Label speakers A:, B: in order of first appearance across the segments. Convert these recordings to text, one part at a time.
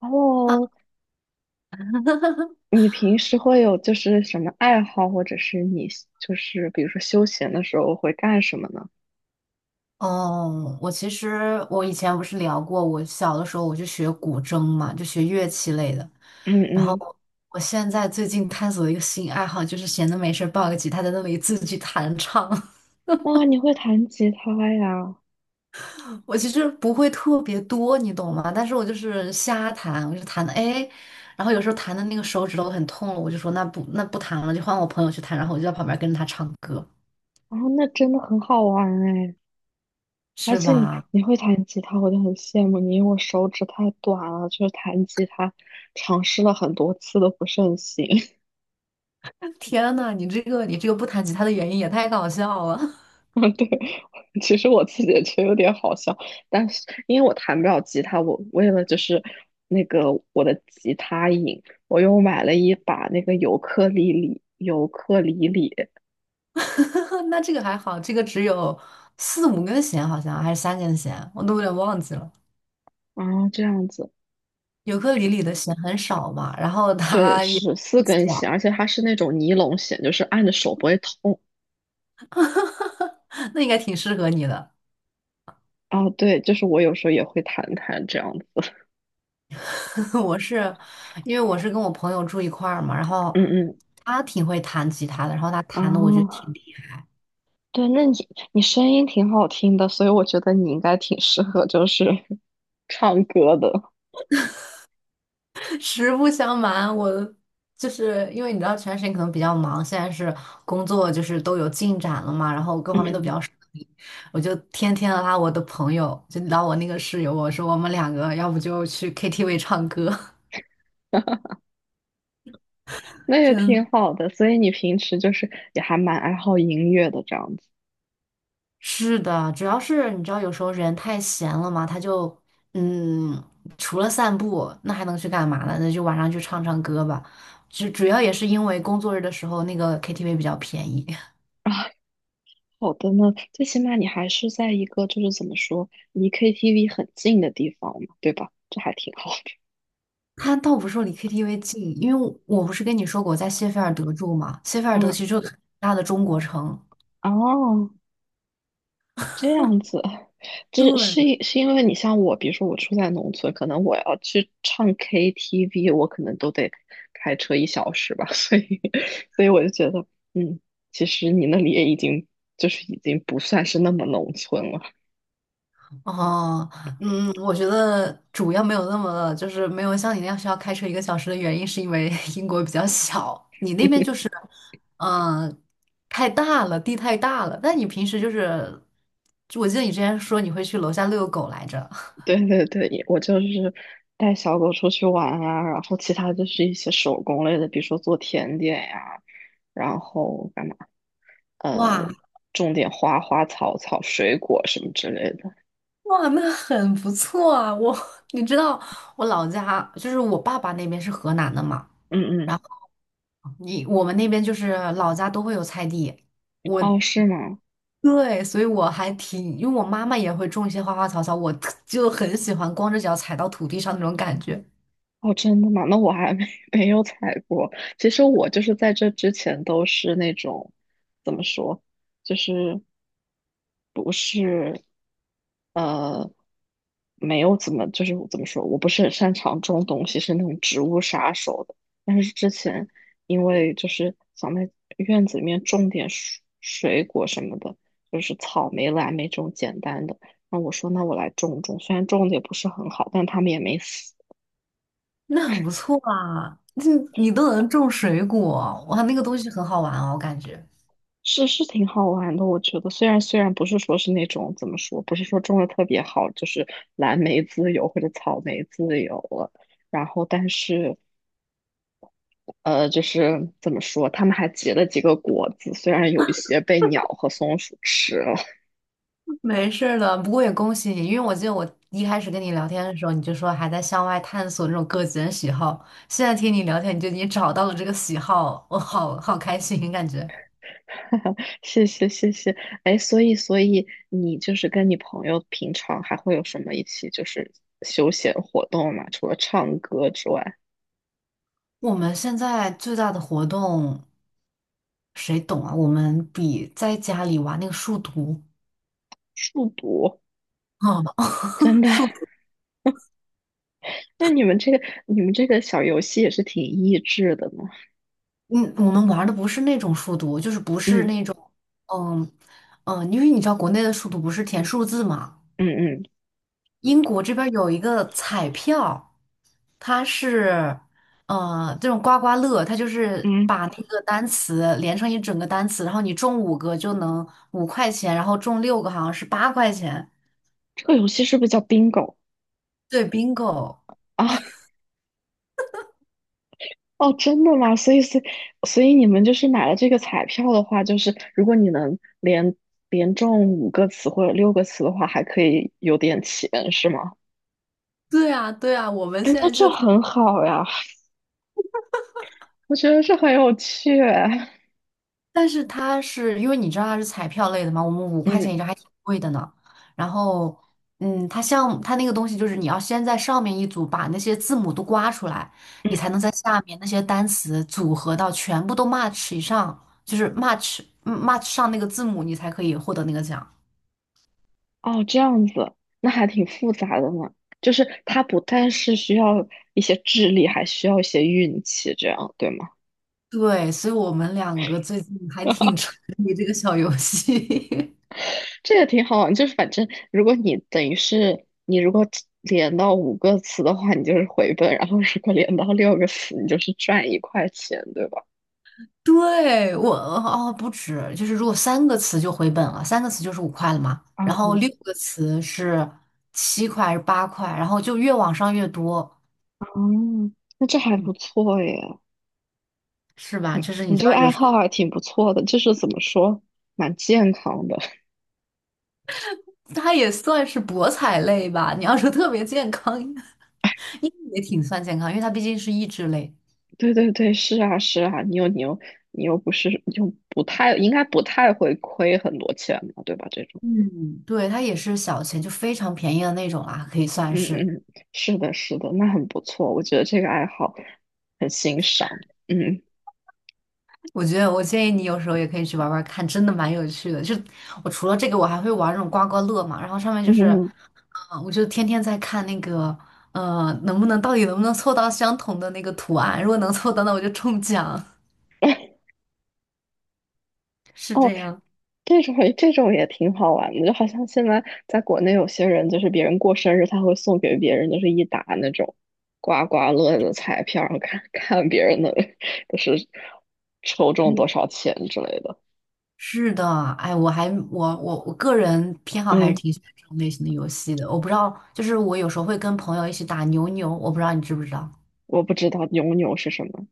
A: 哦，你平时会有就是什么爱好，或者是你就是比如说休闲的时候会干什么呢？
B: 哦，我其实我以前不是聊过，我小的时候我就学古筝嘛，就学乐器类的。
A: 嗯
B: 然后
A: 嗯。
B: 我现在最近探索一个新爱好，就是闲的没事儿抱个吉他在那里自己弹唱。
A: 哇，你会弹吉他呀？
B: 我其实不会特别多，你懂吗？但是我就是瞎弹，我就弹的哎，然后有时候弹的那个手指头很痛了，我就说那不弹了，就换我朋友去弹，然后我就在旁边跟着他唱歌，
A: 然后那真的很好玩哎！而
B: 是
A: 且你
B: 吧？
A: 你会弹吉他，我就很羡慕你，因为我手指太短了，就是弹吉他尝试了很多次都不是很行。
B: 天呐，你这个不弹吉他的原因也太搞笑了。
A: 对，其实我自己也觉得有点好笑，但是因为我弹不了吉他，我为了就是那个我的吉他瘾，我又买了一把那个尤克里里，
B: 那这个还好，这个只有四五根弦，好像还是三根弦，我都有点忘记了。
A: 啊，这样子。
B: 尤克里里的弦很少嘛，然后
A: 对，
B: 它也
A: 是四
B: 不
A: 根
B: 小。
A: 弦，而且它是那种尼龙弦，就是按着手不会痛
B: 那应该挺适合你的。
A: 啊。对，就是我有时候也会弹弹这样子。
B: 我是因为我是跟我朋友住一块儿嘛，然后
A: 嗯嗯
B: 他挺会弹吉他的，然后他弹的我觉得
A: 啊。
B: 挺厉害。
A: 对，那你声音挺好听的，所以我觉得你应该挺适合就是 唱歌的。
B: 实不相瞒，我就是因为你知道全时可能比较忙，现在是工作就是都有进展了嘛，然后各
A: 嗯
B: 方面都比
A: 嗯。
B: 较顺利，我就天天拉我的朋友，就拉我那个室友，我说我们两个要不就去 KTV 唱歌。
A: 那 也挺
B: 真
A: 好的，所以你平时就是也还蛮爱好音乐的这样子。
B: 是的，主要是你知道有时候人太闲了嘛，他就嗯，除了散步，那还能去干嘛呢？那就晚上去唱唱歌吧，就主要也是因为工作日的时候那个 KTV 比较便宜。
A: 啊。好的呢，最起码你还是在一个就是怎么说离 KTV 很近的地方嘛，对吧？这还挺好的。
B: 他倒不是说离 KTV 近，因为我不是跟你说过我在谢菲尔德住嘛，谢菲尔德
A: 嗯。
B: 其实就是很大的中国城。
A: 哦，这样子。这
B: 对，
A: 是因为你像我，比如说我住在农村，可能我要去唱 KTV，我可能都得开车一小时吧。所以我就觉得，嗯，其实你那里也已经就是已经不算是那么农村了。
B: 哦，嗯，我觉得主要没有那么，就是没有像你那样需要开车1个小时的原因，是因为 英国比较小，你那边就是，嗯、太大了，地太大了。但你平时就是，就我记得你之前说你会去楼下遛狗来着。
A: 对对对，也我就是带小狗出去玩啊，然后其他就是一些手工类的，比如说做甜点呀、然后干嘛，呃，
B: 哇，
A: 种点花花草草、水果什么之类的。
B: 哇，那很不错啊！我，你知道我老家就是我爸爸那边是河南的嘛，
A: 嗯嗯。
B: 然后你我们那边就是老家都会有菜地，我
A: 哦，是吗？
B: 对，所以我还挺，因为我妈妈也会种一些花花草草，我特就很喜欢光着脚踩到土地上那种感觉。
A: 哦，真的吗？那我还没 没有采过。其实我就是在这之前都是那种，怎么说，就是不是。呃，没有怎么，就是怎么说，我不是很擅长种东西，是那种植物杀手的。但是之前因为就是想在院子里面种点水果什么的，就是草莓、蓝莓这种简单的。那我说，那我来种种，虽然种的也不是很好，但他们也没死。
B: 那很不错啊！你你都能种水果，哇，那个东西很好玩哦，我感觉。
A: 是挺好玩的。我觉得虽然不是说是那种怎么说，不是说种的特别好，就是蓝莓自由或者草莓自由了。然后，但是就是怎么说，他们还结了几个果子，虽然有一些被鸟和松鼠吃了。
B: 没事儿的，不过也恭喜你，因为我记得我一开始跟你聊天的时候，你就说还在向外探索那种个人喜好，现在听你聊天，你就已经找到了这个喜好，我好好开心，感觉。
A: 谢谢谢谢。哎，所以你就是跟你朋友平常还会有什么一起就是休闲活动吗？除了唱歌之外，
B: 我们现在最大的活动，谁懂啊？我们比在家里玩那个数独。
A: 数独。
B: 啊，
A: 真 的？
B: 数独，
A: 那你们这个小游戏也是挺益智的呢。
B: 嗯，我们玩的不是那种数独，就是不是
A: 嗯
B: 那种，嗯嗯，因为你知道国内的数独不是填数字嘛。
A: 嗯嗯
B: 英国这边儿有一个彩票，它是，这种刮刮乐，它就是
A: 嗯。
B: 把那个单词连成一整个单词，然后你中五个就能五块钱，然后中六个好像是8块钱。
A: 这个游戏是不是叫 bingo
B: 对，bingo。
A: 啊？哦，真的吗？所以你们就是买了这个彩票的话，就是如果你能连中五个词或者六个词的话，还可以有点钱，是吗？
B: 对啊，对啊，我们
A: 哎，
B: 现
A: 那
B: 在
A: 这
B: 就
A: 很好呀，我觉得这很有趣。
B: 但是它是因为你知道它是彩票类的嘛，我们五块钱一
A: 嗯
B: 张还挺贵的呢。然后，它像它那个东西就是你要先在上面一组把那些字母都刮出来，你
A: 嗯。
B: 才能在下面那些单词组合到全部都 match 以上，就是 match match 上那个字母，你才可以获得那个奖。
A: 哦，这样子。那还挺复杂的呢。就是它不但是需要一些智力，还需要一些运气，这样对吗？
B: 对，所以我们两个最近还挺 沉迷这个小游戏。
A: 这个挺好玩，就是反正如果你等于是你如果连到五个词的话，你就是回本；然后如果连到六个词，你就是赚一块钱，对吧？
B: 对，我哦不止，就是如果三个词就回本了，三个词就是五块了嘛，
A: 啊
B: 然后
A: 嗯
B: 6个词是7块还是八块，然后就越往上越多。
A: 嗯。那这还
B: 嗯，
A: 不错耶。
B: 是吧？就是
A: 你
B: 你知
A: 这个
B: 道有
A: 爱
B: 时候
A: 好还挺不错的，就是怎么说，蛮健康的。
B: 它也算是博彩类吧，你要说特别健康，应该也挺算健康，因为它毕竟是益智类。
A: 对对对，是啊是啊，你又不是又不太应该不太会亏很多钱嘛，对吧？这种，
B: 嗯，对，它也是小钱，就非常便宜的那种啦，可以算
A: 嗯
B: 是。
A: 嗯。是的是的，那很不错，我觉得这个爱好很欣赏。嗯。
B: 我觉得我建议你有时候也可以去玩玩看，真的蛮有趣的。就我除了这个，我还会玩那种刮刮乐嘛，然后上面就是
A: 嗯，
B: 啊，我就天天在看那个，能不能到底能不能凑到相同的那个图案？如果能凑到，那我就中奖。
A: 哎。
B: 是
A: 哦，
B: 这样。
A: 这种也挺好玩的，就好像现在在国内有些人，就是别人过生日，他会送给别人就是一沓那种刮刮乐的彩票，然后看看别人的 就是抽中多
B: 嗯，
A: 少钱之类的。
B: 是的，哎，我个人偏好还是
A: 嗯。
B: 挺喜欢这种类型的游戏的。我不知道，就是我有时候会跟朋友一起打牛牛，我不知道你知不知道。
A: 我不知道牛牛是什么。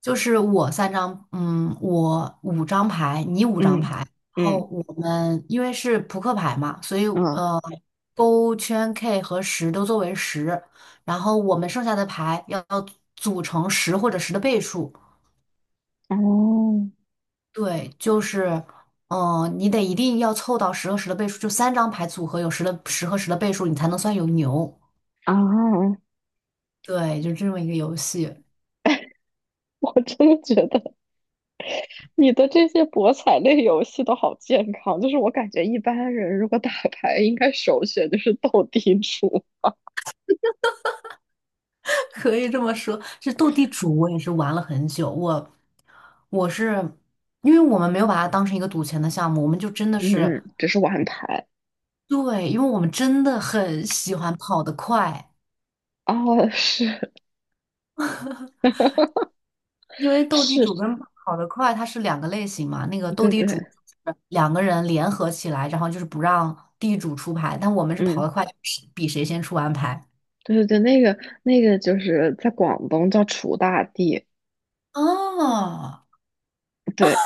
B: 就是我三张，嗯，我五张牌，你五张
A: 嗯
B: 牌，然
A: 嗯
B: 后我们因为是扑克牌嘛，所以
A: 嗯。
B: 呃，勾圈 K 和十都作为十，然后我们剩下的牌要组成十或者十的倍数。
A: 哦
B: 对，就是，你得一定要凑到十和十的倍数，就三张牌组合有十的十和十的倍数，你才能算有牛。
A: 啊。
B: 对，就这么一个游戏。
A: 我真的觉得。你的这些博彩类游戏都好健康，就是我感觉一般人如果打牌，应该首选就是斗地主。
B: 可以这么说，这斗地主我也是玩了很久。我是因为我们没有把它当成一个赌钱的项目，我们就真的是
A: 嗯，只是玩牌。
B: 对，因为我们真的很喜欢跑得快。
A: 哦，是
B: 因为斗地
A: 是，
B: 主跟跑得快它是两个类型嘛。那个斗
A: 对
B: 地主
A: 对，
B: 就是两个人联合起来，然后就是不让地主出牌，但我们是跑得
A: 嗯，
B: 快，比谁先出完牌。
A: 对对对，那个就是在广东叫楚大地。
B: 哦，
A: 对，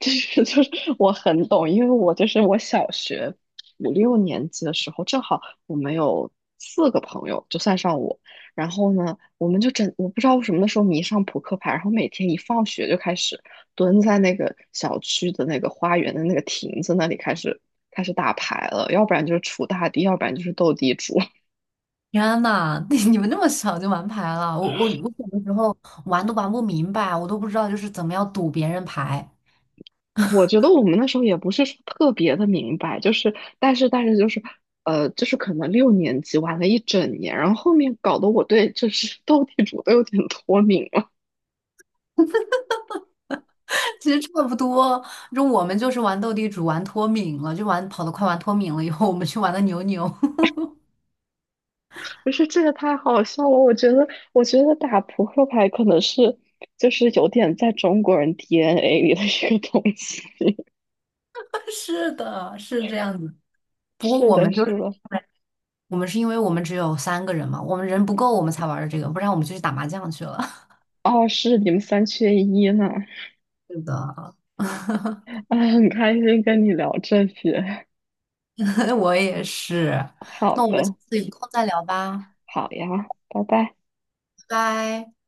A: 就是 就是我很懂，因为我就是我小学五六年级的时候，正好我们有四个朋友，就算上我，然后呢，我们就整，我不知道为什么那时候迷上扑克牌，然后每天一放学就开始蹲在那个小区的那个花园的那个亭子那里开始打牌了，要不然就是锄大地，要不然就是斗地主。
B: 天呐，你你们那么小就玩牌了？我小的时候玩都玩不明白，我都不知道就是怎么样赌别人牌。
A: 我觉得我们那时候也不是说特别的明白，就是但是就是就是可能六年级玩了一整年，然后后面搞得我对就是 斗地主都有点脱敏了。
B: 其实差不多，就我们就是玩斗地主，玩脱敏了，就玩跑得快，玩脱敏了以后，我们去玩的牛牛。
A: 不是，这也太好笑了！我觉得打扑克牌可能是就是有点在中国人 DNA 里的一个东西。
B: 是的，是这样子。不过
A: 是
B: 我
A: 的，
B: 们就
A: 是
B: 是
A: 的。
B: 我们是因为我们只有3个人嘛，我们人不够，我们才玩的这个，不然我们就去打麻将去了。
A: 哦，是你们三缺一呢。
B: 是的，
A: 啊，很开心跟你聊这些。
B: 我也是。那
A: 好
B: 我们下
A: 的。
B: 次有空再聊吧，
A: 好呀，拜拜。
B: 拜拜。